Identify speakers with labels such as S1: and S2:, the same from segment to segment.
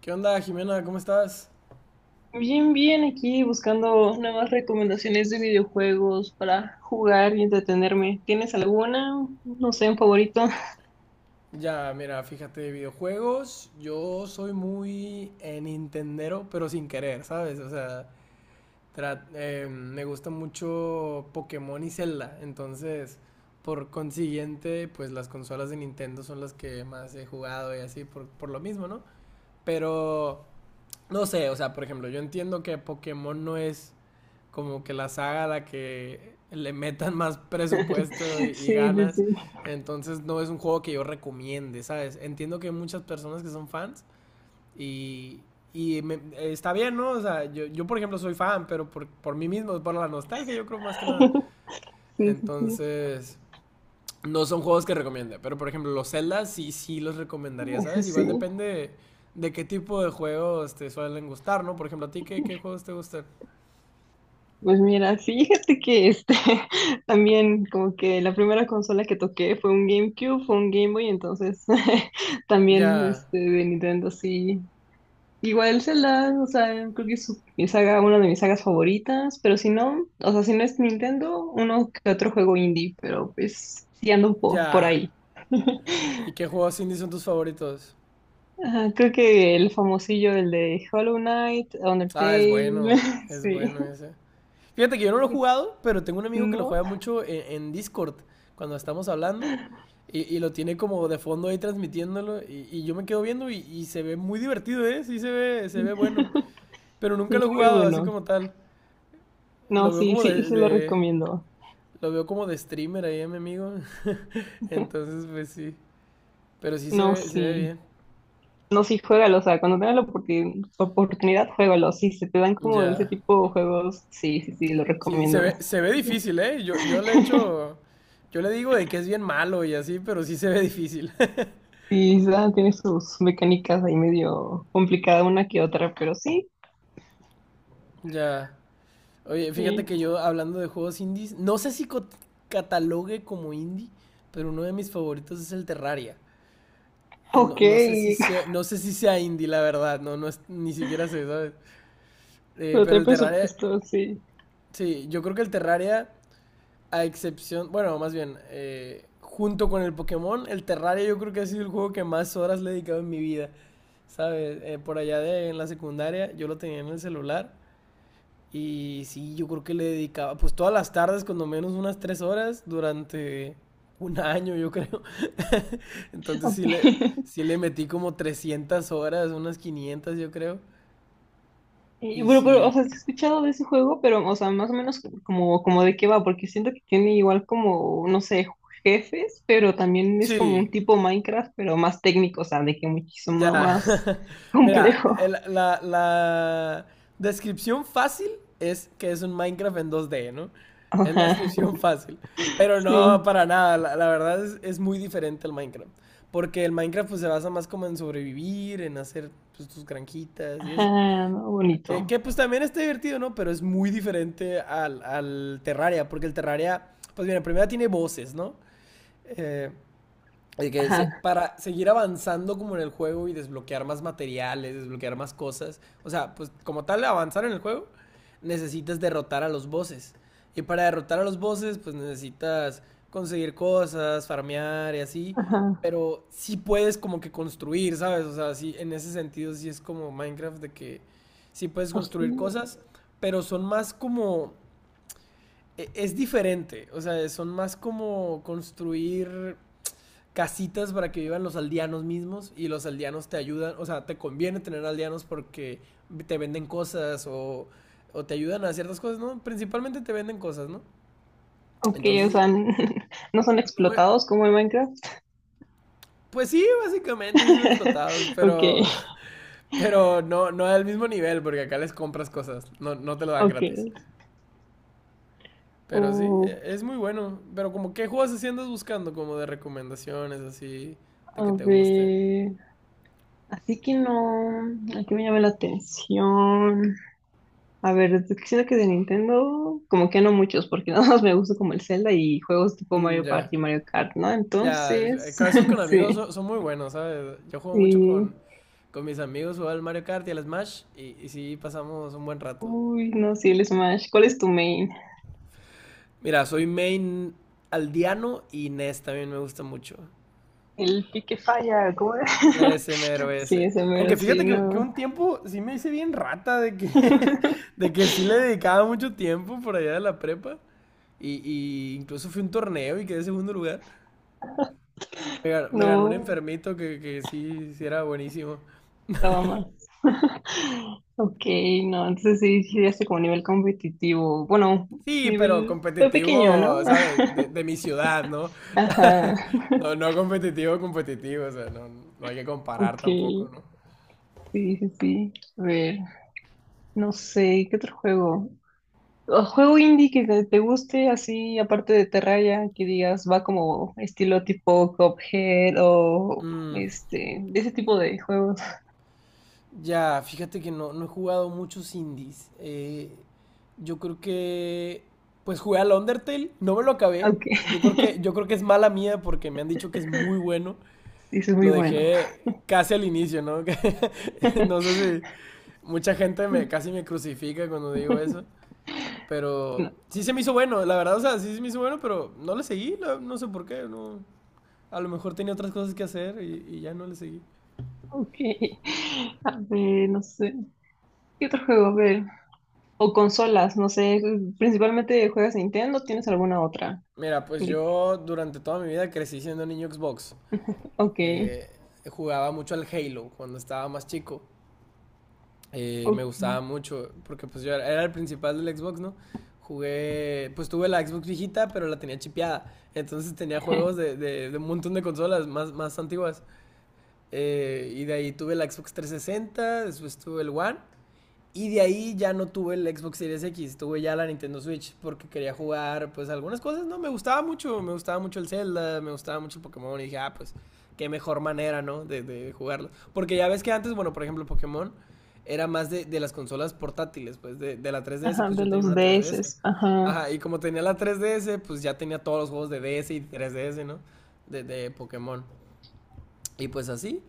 S1: ¿Qué onda, Jimena? ¿Cómo estás?
S2: Bien, bien, aquí buscando nuevas recomendaciones de videojuegos para jugar y entretenerme. ¿Tienes alguna? No sé, un favorito.
S1: Ya, mira, fíjate, videojuegos, yo soy muy nintendero, pero sin querer, ¿sabes? O sea, me gusta mucho Pokémon y Zelda, entonces, por consiguiente, pues las consolas de Nintendo son las que más he jugado y así, por lo mismo, ¿no? Pero, no sé, o sea, por ejemplo, yo entiendo que Pokémon no es como que la saga a la que le metan más presupuesto y
S2: Sí, sí, sí.
S1: ganas. Entonces no es un juego que yo recomiende, ¿sabes? Entiendo que hay muchas personas que son fans y, y me- está bien, ¿no? O sea, por ejemplo soy fan, pero por mí mismo, por la nostalgia yo creo más que nada.
S2: Sí, sí, sí.
S1: Entonces, no son juegos que recomiende, pero por ejemplo los Zelda sí, sí los recomendaría,
S2: Eso
S1: ¿sabes? Igual
S2: sí.
S1: depende de qué tipo de juegos te suelen gustar, ¿no? Por ejemplo, ¿a ti qué juegos te gustan?
S2: Pues mira, fíjate que también como que la primera consola que toqué fue un GameCube, fue un Game Boy, entonces también
S1: Ya,
S2: de Nintendo sí. Igual Zelda, o sea, creo que mi saga, una de mis sagas favoritas, pero si no, o sea, si no es Nintendo, uno que otro juego indie, pero pues sí ando un po por
S1: ya.
S2: ahí.
S1: ¿Y qué juegos indie son tus favoritos?
S2: Ajá, creo que el famosillo, el de Hollow Knight,
S1: Ah,
S2: Undertale,
S1: es
S2: sí,
S1: bueno ese. Fíjate que yo no lo he jugado, pero tengo un amigo que lo
S2: ¿no?
S1: juega mucho en Discord cuando estamos hablando y lo tiene como de fondo ahí transmitiéndolo y yo me quedo viendo y se ve muy divertido, ¿eh? Sí se ve bueno, pero nunca
S2: Sí,
S1: lo he
S2: muy
S1: jugado así
S2: bueno.
S1: como tal.
S2: No,
S1: Lo veo
S2: sí, sí, sí lo recomiendo.
S1: lo veo como de streamer ahí a mi amigo, entonces pues sí, pero sí se
S2: No,
S1: ve, se ve
S2: sí.
S1: bien.
S2: No, sí, juégalo. O sea, cuando tengas la oportunidad, juégalo. Sí, se te dan como de ese
S1: Ya.
S2: tipo de juegos. Sí, sí, sí, lo
S1: Sí, se
S2: recomiendo.
S1: ve, se ve difícil, ¿eh? Yo le digo de que es bien malo y así, pero sí se ve difícil.
S2: Sí, esa tiene sus mecánicas ahí medio complicada una que otra, pero sí.
S1: Ya. Oye, fíjate que yo hablando de juegos indies, no sé si catalogue como indie, pero uno de mis favoritos es el Terraria. No,
S2: Ok.
S1: no sé si sea indie, la verdad, no, no es, ni siquiera sé, ¿sabes?
S2: Pero
S1: Pero
S2: trae
S1: el Terraria,
S2: presupuesto, sí.
S1: sí, yo creo que el Terraria a excepción, bueno, más bien, junto con el Pokémon, el Terraria yo creo que ha sido el juego que más horas le he dedicado en mi vida. ¿Sabes? Por allá en la secundaria yo lo tenía en el celular y sí, yo creo que le dedicaba pues todas las tardes, cuando menos unas 3 horas, durante un año yo creo. Entonces
S2: Ok.
S1: sí le, sí le metí como 300 horas, unas 500 yo creo.
S2: Y
S1: Y
S2: bueno, pero,
S1: sí,
S2: o sea, sí he escuchado de ese juego, pero, o sea, más o menos como, como de qué va, porque siento que tiene igual como, no sé, jefes, pero también es como
S1: sí,
S2: un tipo Minecraft, pero más técnico, o sea, de que muchísimo
S1: ya.
S2: más
S1: Mira,
S2: complejo.
S1: la descripción fácil es que es un Minecraft en 2D, ¿no? Es la
S2: Ajá,
S1: descripción fácil. Pero no,
S2: sí.
S1: para nada. La verdad es muy diferente al Minecraft. Porque el Minecraft pues se basa más como en sobrevivir, en hacer pues, tus granjitas y eso.
S2: Ajá, no,
S1: Que,
S2: bonito.
S1: pues también está divertido, ¿no? Pero es muy diferente al Terraria. Porque el Terraria, pues mira, primero tiene voces, ¿no? Eh,
S2: Ajá,
S1: para seguir avanzando como en el juego y desbloquear más materiales, desbloquear más cosas, o sea, pues como tal avanzar en el juego, necesitas derrotar a los bosses. Y para derrotar a los bosses, pues necesitas conseguir cosas, farmear y así,
S2: ajá.
S1: pero sí puedes como que construir, ¿sabes? O sea, sí, en ese sentido sí es como Minecraft de que sí puedes construir
S2: Hostia.
S1: cosas, pero son más como... Es diferente, o sea, son más como construir casitas para que vivan los aldeanos mismos y los aldeanos te ayudan, o sea, te conviene tener aldeanos porque te venden cosas o te ayudan a ciertas cosas, ¿no? Principalmente te venden cosas, ¿no?
S2: Ok, o
S1: Entonces,
S2: sea, no son
S1: no e-
S2: explotados como en Minecraft.
S1: pues sí, básicamente sí son explotados,
S2: Ok,
S1: pero, pero no, no al mismo nivel porque acá les compras cosas, no, no te lo dan
S2: ok.
S1: gratis. Pero sí,
S2: Oh,
S1: es muy bueno. Pero como, ¿qué juegos así andas buscando? Como de recomendaciones, así, de
S2: a
S1: que te gusten.
S2: ver. Así que no, aquí me llama la atención. A ver, es que siento que de Nintendo, como que no muchos, porque nada más me gusta como el Zelda y juegos tipo
S1: Mm,
S2: Mario
S1: ya.
S2: Party y Mario Kart, ¿no?
S1: Ya,
S2: Entonces,
S1: con esos con amigos
S2: sí,
S1: son muy buenos, ¿sabes? Yo juego mucho
S2: sí.
S1: con mis amigos, juego al Mario Kart y al Smash y sí pasamos un buen rato.
S2: Uy, no, sí, el Smash. ¿Cuál es tu main?
S1: Mira, soy main aldeano y Ness también me gusta mucho.
S2: El pique falla, ¿cómo era?
S1: Ese mero
S2: Sí,
S1: ese.
S2: ese mero,
S1: Aunque
S2: sí,
S1: fíjate que
S2: no.
S1: un tiempo sí me hice bien rata de que, de que sí le dedicaba mucho tiempo por allá de la prepa. Y incluso fui a un torneo y quedé segundo lugar. Me ganó un
S2: No,
S1: enfermito que sí, sí era buenísimo.
S2: estaba más. Ok, no, entonces sí, sí, ya como nivel competitivo. Bueno,
S1: Sí, pero
S2: nivel fue pequeño,
S1: competitivo,
S2: ¿no?
S1: ¿sabes? De mi ciudad, ¿no?
S2: Ajá,
S1: No, no competitivo, competitivo, o sea, no, no hay que
S2: ok,
S1: comparar tampoco,
S2: sí,
S1: ¿no?
S2: sí, sí. A ver, no sé, ¿qué otro juego? O juego indie que te guste, así, aparte de Terraria, que digas, va como estilo tipo Cuphead o
S1: Mm,
S2: de ese tipo de juegos.
S1: ya, fíjate que no he jugado muchos indies. Yo creo que, pues jugué al Undertale, no me lo acabé.
S2: Ok,
S1: Yo creo que, yo creo que es mala mía porque me han dicho que es muy bueno.
S2: sí, eso es muy
S1: Lo
S2: bueno.
S1: dejé casi al inicio, ¿no? No sé si mucha gente casi me crucifica cuando digo eso. Pero
S2: No.
S1: sí se me hizo bueno, la verdad, o sea, sí se me hizo bueno, pero no le seguí, no, no sé por qué, no. A lo mejor tenía otras cosas que hacer y ya no le seguí.
S2: Ok. A ver, no sé. ¿Qué otro juego? A ver. O consolas, no sé. Principalmente juegas Nintendo, ¿tienes alguna otra?
S1: Mira, pues
S2: De-
S1: yo durante toda mi vida crecí siendo niño Xbox.
S2: Ok.
S1: Eh, jugaba mucho al Halo cuando estaba más chico. Me
S2: Ok.
S1: gustaba mucho, porque pues yo era el principal del Xbox, ¿no? Jugué, pues tuve la Xbox viejita, pero la tenía chipeada. Entonces tenía juegos de un montón de consolas más antiguas. Y de ahí tuve la Xbox 360, después tuve el One. Y de ahí ya no tuve el Xbox Series X, tuve ya la Nintendo Switch porque quería jugar pues algunas cosas, no, me gustaba mucho el Zelda, me gustaba mucho el Pokémon y dije, ah, pues qué mejor manera, ¿no? De jugarlo. Porque ya ves que antes, bueno, por ejemplo, Pokémon era más de las consolas portátiles, pues de la 3DS,
S2: Ajá,
S1: pues
S2: de
S1: yo tenía
S2: los
S1: una 3DS.
S2: DS. Ajá.
S1: Ajá, y como tenía la 3DS, pues ya tenía todos los juegos de DS y 3DS, ¿no? De Pokémon. Y pues así.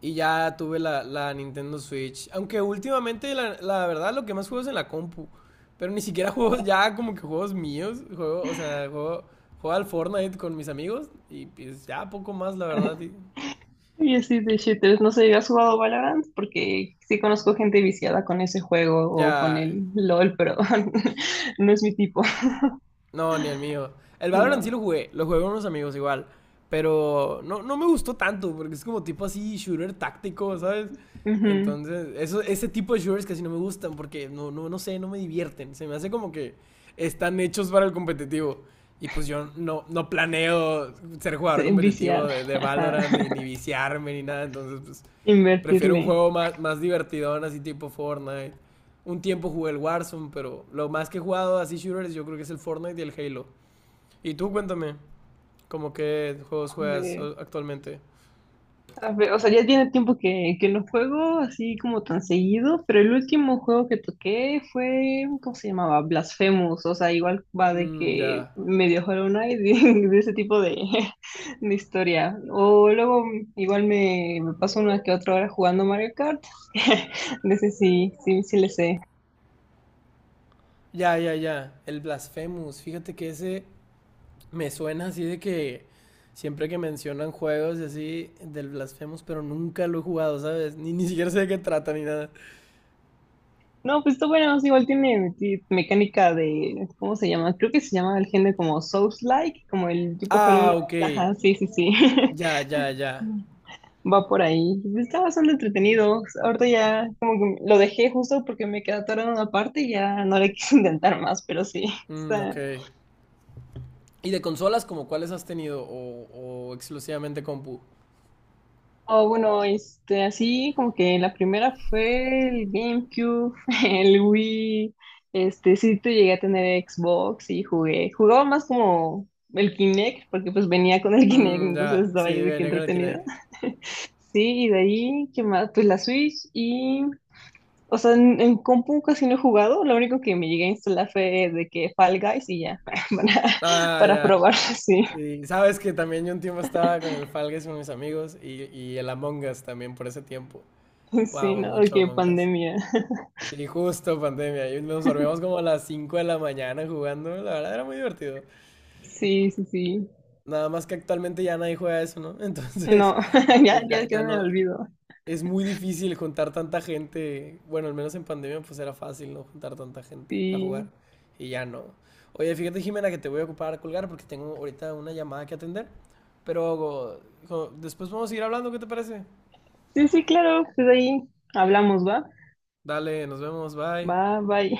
S1: Y ya tuve la Nintendo Switch. Aunque últimamente, la verdad, lo que más juego es en la compu. Pero ni siquiera juegos, ya como que juegos míos. Juego, o sea, juego al Fortnite con mis amigos. Y pues ya poco más, la verdad, y
S2: Y así de shooters. No sé, ¿has jugado Valorant? Porque sí conozco gente viciada con ese juego o con
S1: ya.
S2: el LOL, pero no es mi tipo.
S1: No, ni el mío. El Valorant sí
S2: No.
S1: lo jugué con unos amigos igual. Pero no, no me gustó tanto, porque es como tipo así shooter táctico, ¿sabes?
S2: Ujú.
S1: Entonces, ese tipo de shooters casi no me gustan, porque no, no, no sé, no me divierten. Se me hace como que están hechos para el competitivo. Y pues yo no planeo ser jugador
S2: Sí,
S1: competitivo
S2: viciar.
S1: de, de
S2: Ajá.
S1: Valorant, ni viciarme, ni nada. Entonces, pues prefiero un
S2: Invertirle.
S1: juego más, divertidón, así tipo Fortnite. Un tiempo jugué el Warzone, pero lo más que he jugado así shooters yo creo que es el Fortnite y el Halo. Y tú cuéntame, ¿cómo qué juegos
S2: A
S1: juegas
S2: ver.
S1: actualmente?
S2: A ver, o sea, ya tiene tiempo que no juego así como tan seguido, pero el último juego que toqué fue, ¿cómo se llamaba? Blasphemous, o sea, igual va de
S1: Mm,
S2: que
S1: ya.
S2: medio Hollow Knight, de ese tipo de historia. O luego igual me paso una que otra hora jugando Mario Kart, de ese sí, sí, sí le sé.
S1: Ya, ya, ya. El Blasphemous. Fíjate que ese me suena así de que siempre que mencionan juegos y así del Blasphemous, pero nunca lo he jugado, ¿sabes? Ni siquiera sé de qué trata ni nada.
S2: No, pues está bueno, sí, igual tiene mecánica de, ¿cómo se llama? Creo que se llama el género como Souls-like, como el tipo Hollow
S1: Ah,
S2: Knight,
S1: ok.
S2: ajá, sí, sí, sí.
S1: Ya, ya, ya.
S2: Va por ahí. Estaba bastante entretenido. Ahorita ya como que lo dejé justo porque me quedé atorado en una parte y ya no le quise intentar más, pero sí.
S1: Mm, ok.
S2: Está...
S1: ¿Y de consolas como cuáles has tenido? ¿O exclusivamente compu?
S2: O bueno, este, así como que la primera fue el GameCube, el Wii. Este, sí te llegué a tener Xbox y jugué. Jugaba más como el Kinect, porque pues venía con el Kinect,
S1: Mm,
S2: entonces
S1: ya, sí,
S2: estaba yo de
S1: me
S2: qué
S1: negro el
S2: entretenida.
S1: Kinect.
S2: Sí, y de ahí, ¿qué más? Pues la Switch y o sea, en compu casi no he jugado, lo único que me llegué a instalar fue de que Fall Guys y ya, para,
S1: Ah,
S2: para
S1: ya.
S2: probar, sí,
S1: Y sabes que también yo un tiempo estaba con el Fall Guys con mis amigos y el Among Us también por ese tiempo.
S2: sí,
S1: Jugábamos
S2: ¿no?
S1: mucho
S2: Que
S1: Among Us.
S2: pandemia,
S1: Sí, justo pandemia. Y nos dormíamos como a las 5 de la mañana jugando. La verdad era muy divertido.
S2: sí, sí, sí,
S1: Nada más que actualmente ya nadie juega eso, ¿no? Entonces,
S2: no, ya,
S1: pues
S2: ya,
S1: ya,
S2: ya
S1: ya
S2: me
S1: no,
S2: olvido,
S1: es muy difícil juntar tanta gente. Bueno, al menos en pandemia pues era fácil, ¿no? Juntar tanta gente a
S2: sí,
S1: jugar. Y ya no. Oye, fíjate, Jimena, que te voy a ocupar a colgar porque tengo ahorita una llamada que atender. Pero después vamos a seguir hablando, ¿qué te parece?
S2: sí, sí, claro, pues ahí hablamos, ¿va?
S1: Dale, nos vemos, bye.
S2: Va, bye.